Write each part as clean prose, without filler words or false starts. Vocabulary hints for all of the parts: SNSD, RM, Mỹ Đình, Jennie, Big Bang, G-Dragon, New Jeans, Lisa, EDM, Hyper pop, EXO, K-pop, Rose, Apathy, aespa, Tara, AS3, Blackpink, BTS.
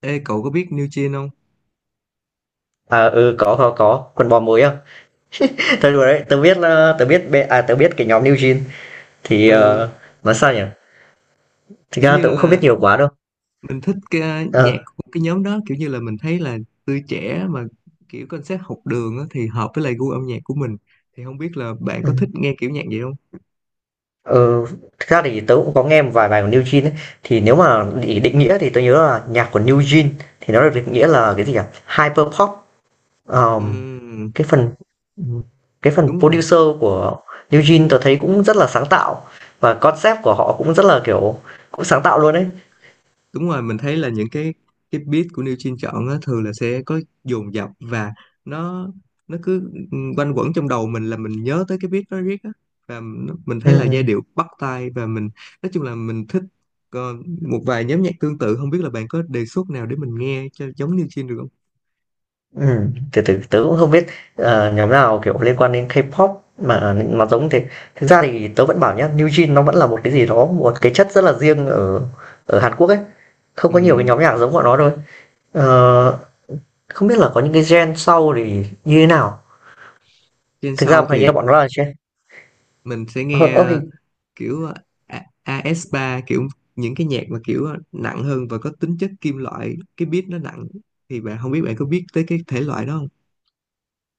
Ê, cậu có biết New Jeans không? À, ừ, có, quần bò mới à? Thôi đùa đấy, tớ biết là tớ biết cái nhóm New Jeans thì Ừ, nói sao nhỉ? Thực kiểu ra như tớ cũng không biết là nhiều quá đâu. mình thích nhạc Ờ, của cái nhóm đó, kiểu như là mình thấy là tươi trẻ mà kiểu concept học đường á, thì hợp với lại gu âm nhạc của mình. Thì không biết là bạn ừ. có thích nghe kiểu nhạc vậy không? Ờ, thực ra thì tớ cũng có nghe một vài bài của New Jeans ấy. Thì nếu mà để định nghĩa thì tớ nhớ là nhạc của New Jeans thì nó được định nghĩa là cái gì nhỉ? Hyper pop. Ờm, Ừ, cái phần cái phần đúng rồi. producer của New Jeans tớ thấy cũng rất là sáng tạo và concept của họ cũng rất là kiểu cũng sáng tạo luôn đấy. Đúng rồi, mình thấy là những cái beat của New Jeans chọn á, thường là sẽ có dồn dập và nó nó cứ quanh quẩn trong đầu mình, là mình nhớ tới cái beat đó riết á, và mình Ừ, thấy là giai ừ. điệu bắt tai, và mình nói chung là mình thích. Còn một vài nhóm nhạc tương tự, không biết là bạn có đề xuất nào để mình nghe cho giống New Jeans được không? Ừ, tớ cũng không biết, nhóm nào, kiểu, liên quan đến K-pop mà giống thế. Thực ra thì tớ vẫn bảo nhá, New Jeans nó vẫn là một cái gì đó, một cái chất rất là riêng ở ở Hàn Quốc ấy, không có nhiều cái Ừ, nhóm nhạc giống bọn nó thôi. Ờ, Không biết là có những cái gen sau thì như thế nào? trên Thực ra sau hình thì như bọn nó là gen. mình sẽ ơ, nghe ơ, hình kiểu, AS3, kiểu những cái nhạc mà kiểu nặng hơn và có tính chất kim loại, cái beat nó nặng, thì bạn không biết bạn có biết tới cái thể loại đó không?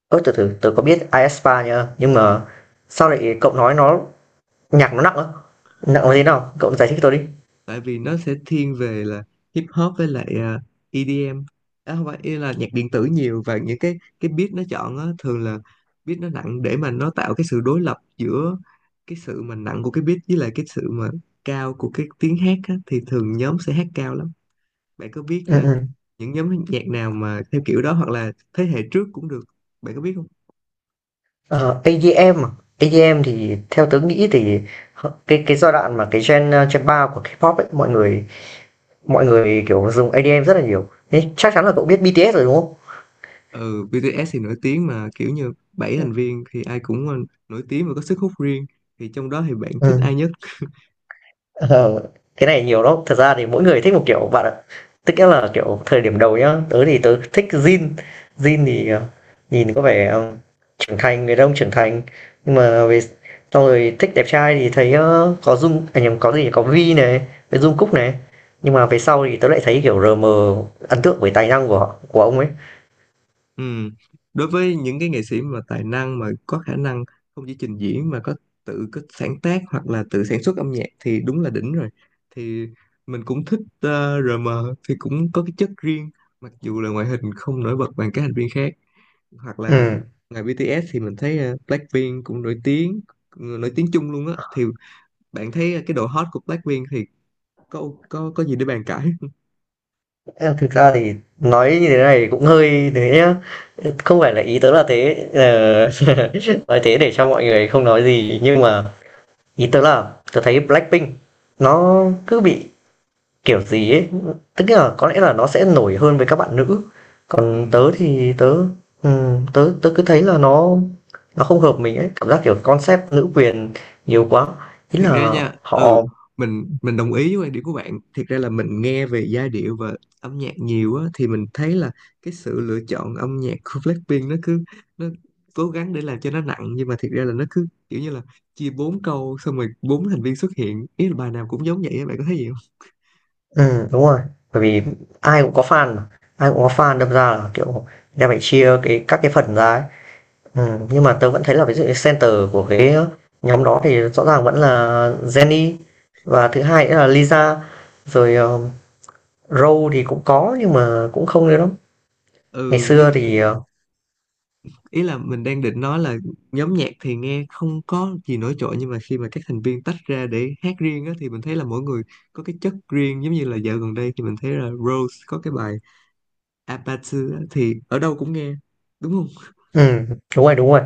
ơ, Từ từ, tớ có biết aespa nha, nhưng mà sao lại cậu nói nó nhạc nó nặng á? Nặng là thế nào? Cậu giải thích tôi đi. Tại vì nó sẽ thiên về là hip hop với lại EDM. À, không phải, ý là nhạc điện tử nhiều, và những cái beat nó chọn á, thường là beat nó nặng để mà nó tạo cái sự đối lập giữa cái sự mà nặng của cái beat với lại cái sự mà cao của cái tiếng hát á, thì thường nhóm sẽ hát cao lắm. Bạn có biết Ừm, ừm. những nhóm nhạc nào mà theo kiểu đó hoặc là thế hệ trước cũng được, bạn có biết không? Ờ, EDM à? EDM thì theo tớ nghĩ thì cái giai đoạn mà cái gen gen 3 của K-pop ấy mọi người kiểu dùng EDM rất là nhiều. Thế chắc chắn là cậu biết BTS rồi đúng không? Ừ, BTS thì nổi tiếng mà, kiểu như bảy thành viên thì ai cũng nổi tiếng và có sức hút riêng, thì trong đó thì bạn thích Ừ. ai nhất? Ờ, cái này nhiều lắm, thật ra thì mỗi người thích một kiểu bạn ạ. Tức nghĩa là, kiểu, thời điểm đầu nhá, tớ thì tớ thích jean, jean thì, nhìn có vẻ, trưởng thành, người đàn ông trưởng thành, nhưng mà về xong rồi thích đẹp trai thì thấy, có dung à, nhầm, có gì nhỉ, có vi này, với Dung cúc này. Nhưng mà về sau thì tớ lại thấy, kiểu, RM ấn tượng với tài năng của ông ấy. Ừ. Đối với những cái nghệ sĩ mà tài năng mà có khả năng không chỉ trình diễn mà có tự có sáng tác hoặc là tự sản xuất âm nhạc thì đúng là đỉnh rồi. Thì mình cũng thích RM thì cũng có cái chất riêng, mặc dù là ngoại hình không nổi bật bằng các thành viên khác. Hoặc là Ừm. ngoài BTS thì mình thấy Blackpink cũng nổi tiếng, chung luôn á, thì bạn thấy cái độ hot của Blackpink thì có gì để bàn cãi. Ờ, Thực ra thì nói như thế này cũng hơi thế nhá. Không phải là ý tớ là thế, nói thế để cho mọi người không nói gì, nhưng mà ý tớ là tớ thấy Blackpink nó cứ bị kiểu gì ấy, tức là có lẽ là nó sẽ nổi hơn với các bạn nữ. Còn Ừ. tớ thì tớ tớ tớ cứ thấy là nó không hợp mình ấy, cảm giác kiểu concept nữ quyền nhiều quá. Ý là Thiệt ra nha, ừ, họ. mình đồng ý với quan điểm của bạn. Thiệt ra là mình nghe về giai điệu và âm nhạc nhiều á, thì mình thấy là cái sự lựa chọn âm nhạc của Blackpink nó cứ nó cố gắng để làm cho nó nặng, nhưng mà thiệt ra là nó cứ kiểu như là chia bốn câu xong rồi bốn thành viên xuất hiện, ý là bài nào cũng giống vậy á, bạn có thấy gì không? Ừ đúng rồi, bởi vì ai cũng có fan mà, ai cũng có fan đâm ra là, kiểu, đem phải chia các cái phần ra ấy. Nhưng mà tớ vẫn thấy là ví dụ như center của cái nhóm đó thì rõ ràng vẫn là Jennie và thứ hai nữa là Lisa, rồi, Rose thì cũng có nhưng mà cũng không nhiều lắm. Ngày Ừ, xưa nhưng thì, ý là mình đang định nói là nhóm nhạc thì nghe không có gì nổi trội, nhưng mà khi mà các thành viên tách ra để hát riêng á thì mình thấy là mỗi người có cái chất riêng. Giống như là dạo gần đây thì mình thấy là Rose có cái bài Apathy á, thì ở đâu cũng nghe, đúng không? ừm, đúng rồi,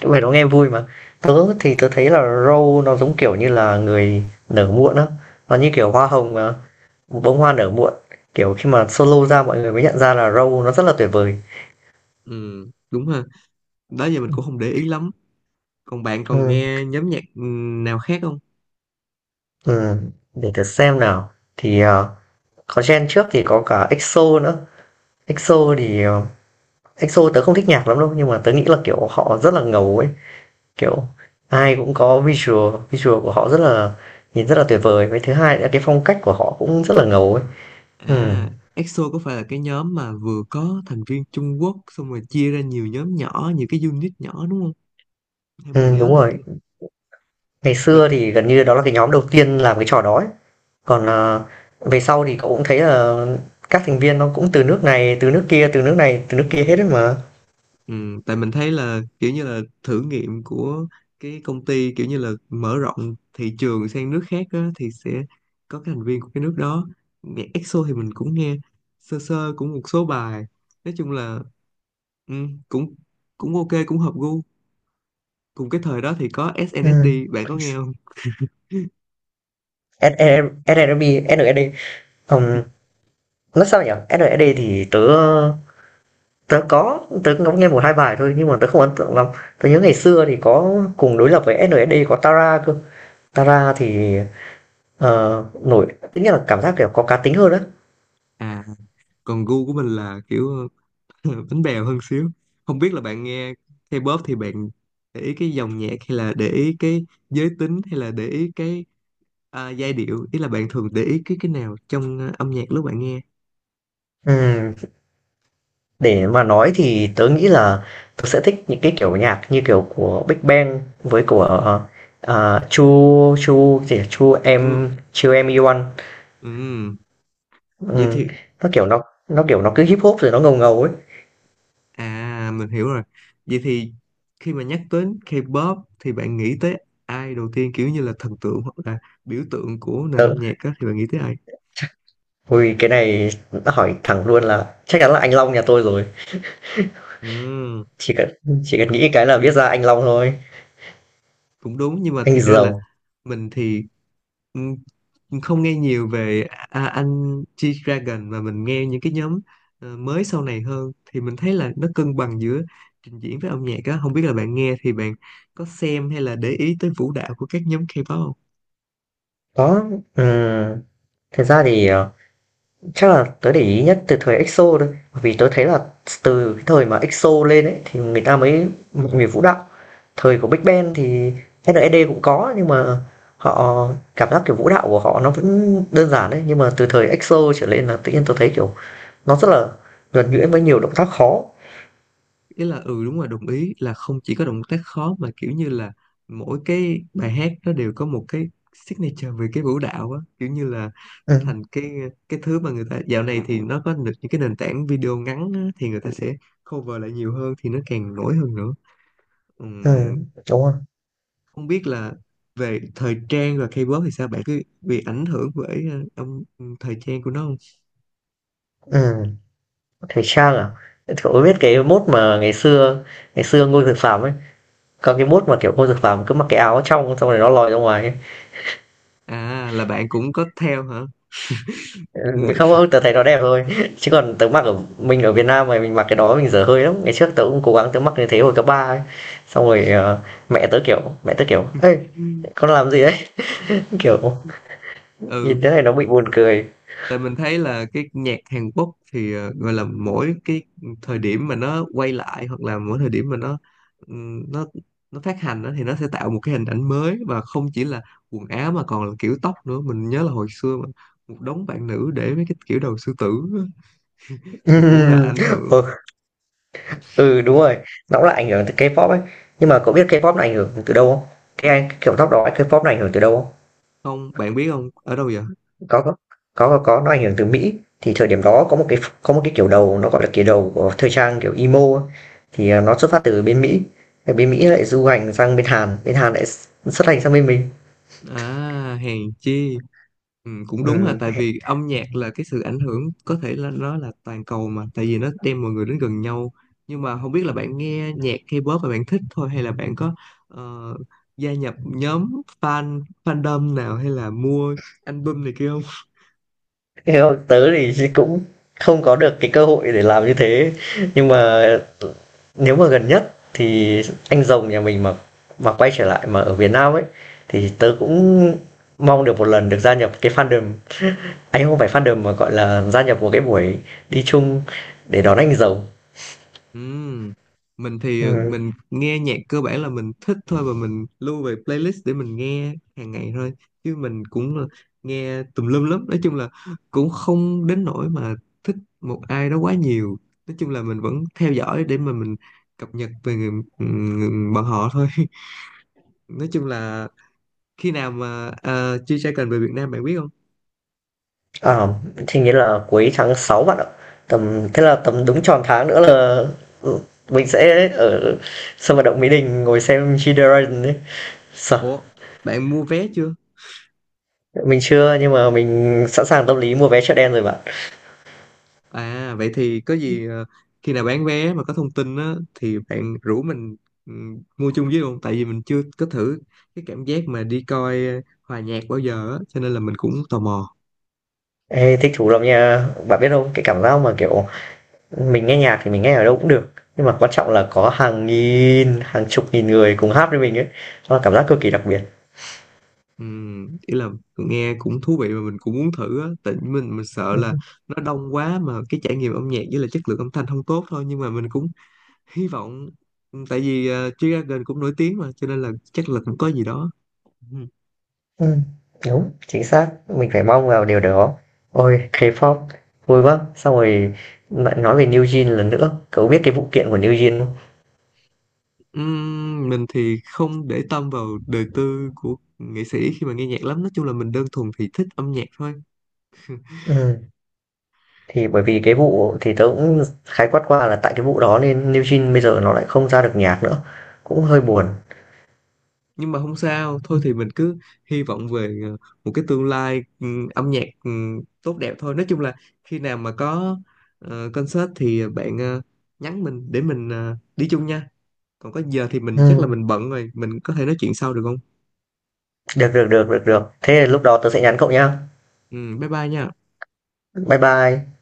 những bài đó nghe vui mà. Tớ thì tớ thấy là Rose nó giống, kiểu như là, người nở muộn á, nó như kiểu hoa hồng mà. Bông hoa nở muộn kiểu khi mà solo ra mọi người mới nhận ra là Row nó rất là tuyệt vời. Ừ đúng ha, đó giờ mình cũng không để ý lắm. Còn bạn còn Ừ. nghe nhóm nhạc nào khác không? Ừ. Để thử xem nào thì có gen trước thì có cả EXO nữa. EXO thì EXO tớ không thích nhạc lắm đâu nhưng mà tớ nghĩ là kiểu họ rất là ngầu ấy kiểu ai cũng có visual visual của họ rất là nhìn rất là tuyệt vời với thứ hai là cái phong cách của họ cũng rất là ngầu ấy. Ừ. À, EXO có phải là cái nhóm mà vừa có thành viên Trung Quốc xong rồi chia ra nhiều nhóm nhỏ, nhiều cái unit nhỏ đúng không? Theo mình Ừ nhớ đúng là rồi, ngày xưa mình thì gần như đó là cái nhóm đầu tiên làm cái trò đó ấy. Còn, về sau thì cậu cũng thấy là các thành viên nó cũng từ nước này, từ nước kia, từ nước này, từ nước kia hết ấy mà. ừ, tại mình thấy là kiểu như là thử nghiệm của cái công ty, kiểu như là mở rộng thị trường sang nước khác á, thì sẽ có cái thành viên của cái nước đó. Nhạc EXO thì mình cũng nghe sơ sơ cũng một số bài. Nói chung là ừ, cũng cũng ok, cũng hợp gu. Cùng cái thời đó thì có SNSD, Ừm. bạn có nghe không? SE SNMP, SNSD, ừm, nói sao nhỉ? SNSD thì tớ tớ có, tớ ngẫm nghe một 2 bài thôi nhưng mà tớ không ấn tượng lắm. Tớ nhớ ngày xưa thì có cùng đối lập với SNSD có Tara cơ. Tara thì, nổi tức nghĩa là cảm giác, kiểu, có cá tính hơn á. À, còn gu của mình là kiểu bánh bèo hơn xíu. Không biết là bạn nghe K-pop thì bạn để ý cái dòng nhạc hay là để ý cái giới tính hay là để ý cái giai điệu? Ý là bạn thường để ý cái nào trong âm nhạc lúc bạn nghe? Ừm. Để mà nói thì tớ nghĩ là tớ sẽ thích những cái kiểu nhạc như kiểu của Big Bang với của, Chu Chu gì Chu Chưa. Em Chu Em Iwan. Ừm, vậy thì Ừm, nó, kiểu, nó, kiểu, nó cứ Hip Hop rồi nó ngầu ngầu ấy. à, mình hiểu rồi. Vậy thì khi mà nhắc đến K-pop thì bạn nghĩ tới ai đầu tiên, kiểu như là thần tượng hoặc là biểu tượng của nền âm Tớ nhạc á thì bạn nghĩ tới ai? ôi, cái này đã hỏi thẳng luôn là chắc chắn là anh Long nhà tôi rồi, Ừm, chỉ cần chỉ cần nghĩ cái là biết ra anh Long thôi, cũng đúng, nhưng mà anh thiệt ra là Giàu. mình thì ừm, không nghe nhiều về anh G-Dragon. Mà mình nghe những cái nhóm mới sau này hơn, thì mình thấy là nó cân bằng giữa trình diễn với âm nhạc á, không biết là bạn nghe thì bạn có xem hay là để ý tới vũ đạo của các nhóm K-pop không? Đó, ừm, thật ra thì, chắc là tớ để ý nhất từ thời EXO thôi, bởi vì tớ thấy là từ cái thời mà EXO lên ấy thì người ta mới một người vũ đạo. Thời của Big Bang thì SNSD cũng có nhưng mà họ cảm giác kiểu vũ đạo của họ nó vẫn đơn giản đấy, nhưng mà từ thời EXO trở lên là tự nhiên tớ thấy kiểu nó rất là nhuần nhuyễn với nhiều động tác khó. Ý là ừ đúng rồi, đồng ý là không chỉ có động tác khó mà kiểu như là mỗi cái bài hát nó đều có một cái signature về cái vũ đạo á, kiểu như là Ừ, nó thành cái thứ mà người ta dạo này thì nó có được những cái nền tảng video ngắn á, thì người ta sẽ cover lại nhiều hơn thì nó càng nổi hơn nữa. ừ, Ừm, đúng rồi. không biết là về thời trang và K-pop thì sao, bạn cứ bị ảnh hưởng bởi ờ, âm thời trang của nó không? Ừ, thời trang à? Cậu có biết cái mốt mà ngày xưa Ngô Dược Phạm ấy, có cái mốt mà kiểu Ngô Dược Phạm cứ mặc cái áo trong xong rồi nó lòi ra ngoài ấy. À là bạn cũng có theo hả? Ừ, không không, tớ thấy nó đẹp thôi. Chứ còn tớ mặc ở Việt Nam mà mình mặc cái đó mình dở hơi lắm. Ngày trước tớ cũng cố gắng tớ mặc như thế hồi cấp ba ấy, xong rồi mẹ tớ kiểu ê con làm gì đấy. Kiểu Ừ, nhìn thế này nó bị buồn cười. tại mình thấy là cái nhạc Hàn Quốc thì gọi là mỗi cái thời điểm mà nó quay lại hoặc là mỗi thời điểm mà nó nó phát hành đó, thì nó sẽ tạo một cái hình ảnh mới, và không chỉ là quần áo mà còn là kiểu tóc nữa. Mình nhớ là hồi xưa mà một đống bạn nữ để mấy cái kiểu đầu sư tử á, thì cũng là ảnh hưởng. Ừ, ừ đúng rồi, nó cũng là ảnh hưởng từ K-pop ấy. Nhưng mà cậu biết K-pop là ảnh hưởng từ đâu không? Cái anh kiểu tóc đó K-pop là ảnh hưởng từ đâu không? Không, bạn biết không, ở đâu vậy? Có, có. Có, nó ảnh hưởng từ Mỹ. Thì thời điểm đó có một cái kiểu đầu nó, gọi là, kiểu đầu của thời trang kiểu emo á, thì, nó xuất phát từ bên Mỹ, thì bên Mỹ lại du hành sang bên Hàn lại xuất hành sang bên mình. À, hèn chi. Ừ, cũng đúng, là Ừm, tại vì âm nhạc là cái sự ảnh hưởng có thể là nó là toàn cầu mà, tại vì nó đem mọi người đến gần nhau. Nhưng mà không biết là bạn nghe nhạc K-pop và bạn thích thôi hay là bạn có ờ, gia nhập nhóm fan, fandom nào, hay là mua album này kia? Thế còn tớ thì cũng không có được cái cơ hội để làm như thế, nhưng mà nếu mà gần nhất thì anh rồng nhà mình mà quay trở lại mà ở Việt Nam ấy, thì tớ cũng mong được một lần được gia nhập cái fandom. Anh không phải fandom mà gọi là gia nhập một cái buổi đi chung để đón anh giàu. Ừm, Mình thì Ừ. mình nghe nhạc cơ bản là mình thích thôi, và mình lưu về playlist để mình nghe hàng ngày thôi. Chứ mình cũng là nghe tùm lum lắm, nói chung là cũng không đến nỗi mà thích một ai đó quá nhiều. Nói chung là mình vẫn theo dõi để mà mình cập nhật về người, bọn họ thôi. Nói chung là khi nào mà G-Dragon về Việt Nam bạn biết không? À, thì nghĩa là cuối tháng 6 bạn ạ. Tầm thế là tầm đúng tròn tháng nữa là, ừ, mình sẽ ở sân vận động Mỹ Đình ngồi xem Chideren đấy. Sợ. Ủa, bạn mua vé chưa? Mình chưa nhưng mà mình sẵn sàng tâm lý mua vé chợ đen rồi bạn. À vậy thì có gì, khi nào bán vé mà có thông tin á thì bạn rủ mình mua chung với luôn, tại vì mình chưa có thử cái cảm giác mà đi coi hòa nhạc bao giờ á, cho nên là mình cũng tò mò. Ê, thích thú lắm nha. Bạn biết không, cái cảm giác mà kiểu mình nghe nhạc thì mình nghe ở đâu cũng được. Nhưng mà quan trọng là có hàng nghìn, hàng chục nghìn người cùng hát với mình ấy. Đó là cảm giác cực kỳ đặc biệt. Ý là nghe cũng thú vị, mà mình cũng muốn thử á, tại vì mình sợ là nó đông quá mà cái trải nghiệm âm nhạc với là chất lượng âm thanh không tốt thôi, nhưng mà mình cũng hy vọng. Ừ, tại vì G-Dragon cũng nổi tiếng, mà cho nên là chắc là cũng có gì đó. Ừm, đúng, chính xác, mình phải mong vào điều đó. Ôi, K-pop vui quá! Xong rồi lại nói về New Jeans lần nữa, cậu biết cái vụ kiện của New Jeans không? Mình thì không để tâm vào đời tư của nghệ sĩ khi mà nghe nhạc lắm, nói chung là mình đơn thuần thì thích âm nhạc thôi. Ừm, thì bởi vì cái vụ thì tớ cũng khái quát qua là tại cái vụ đó nên New Jeans bây giờ nó lại không ra được nhạc nữa, cũng hơi buồn. Nhưng mà không sao, thôi thì mình cứ hy vọng về một cái tương lai âm nhạc tốt đẹp thôi. Nói chung là khi nào mà có concert thì bạn nhắn mình để mình đi chung nha. Còn có giờ thì mình chắc là Ừm, mình bận rồi, mình có thể nói chuyện sau được không? được, được, được, được, được. Thế lúc đó tớ sẽ nhắn cậu nhá. Bye bye nha. Bye bye.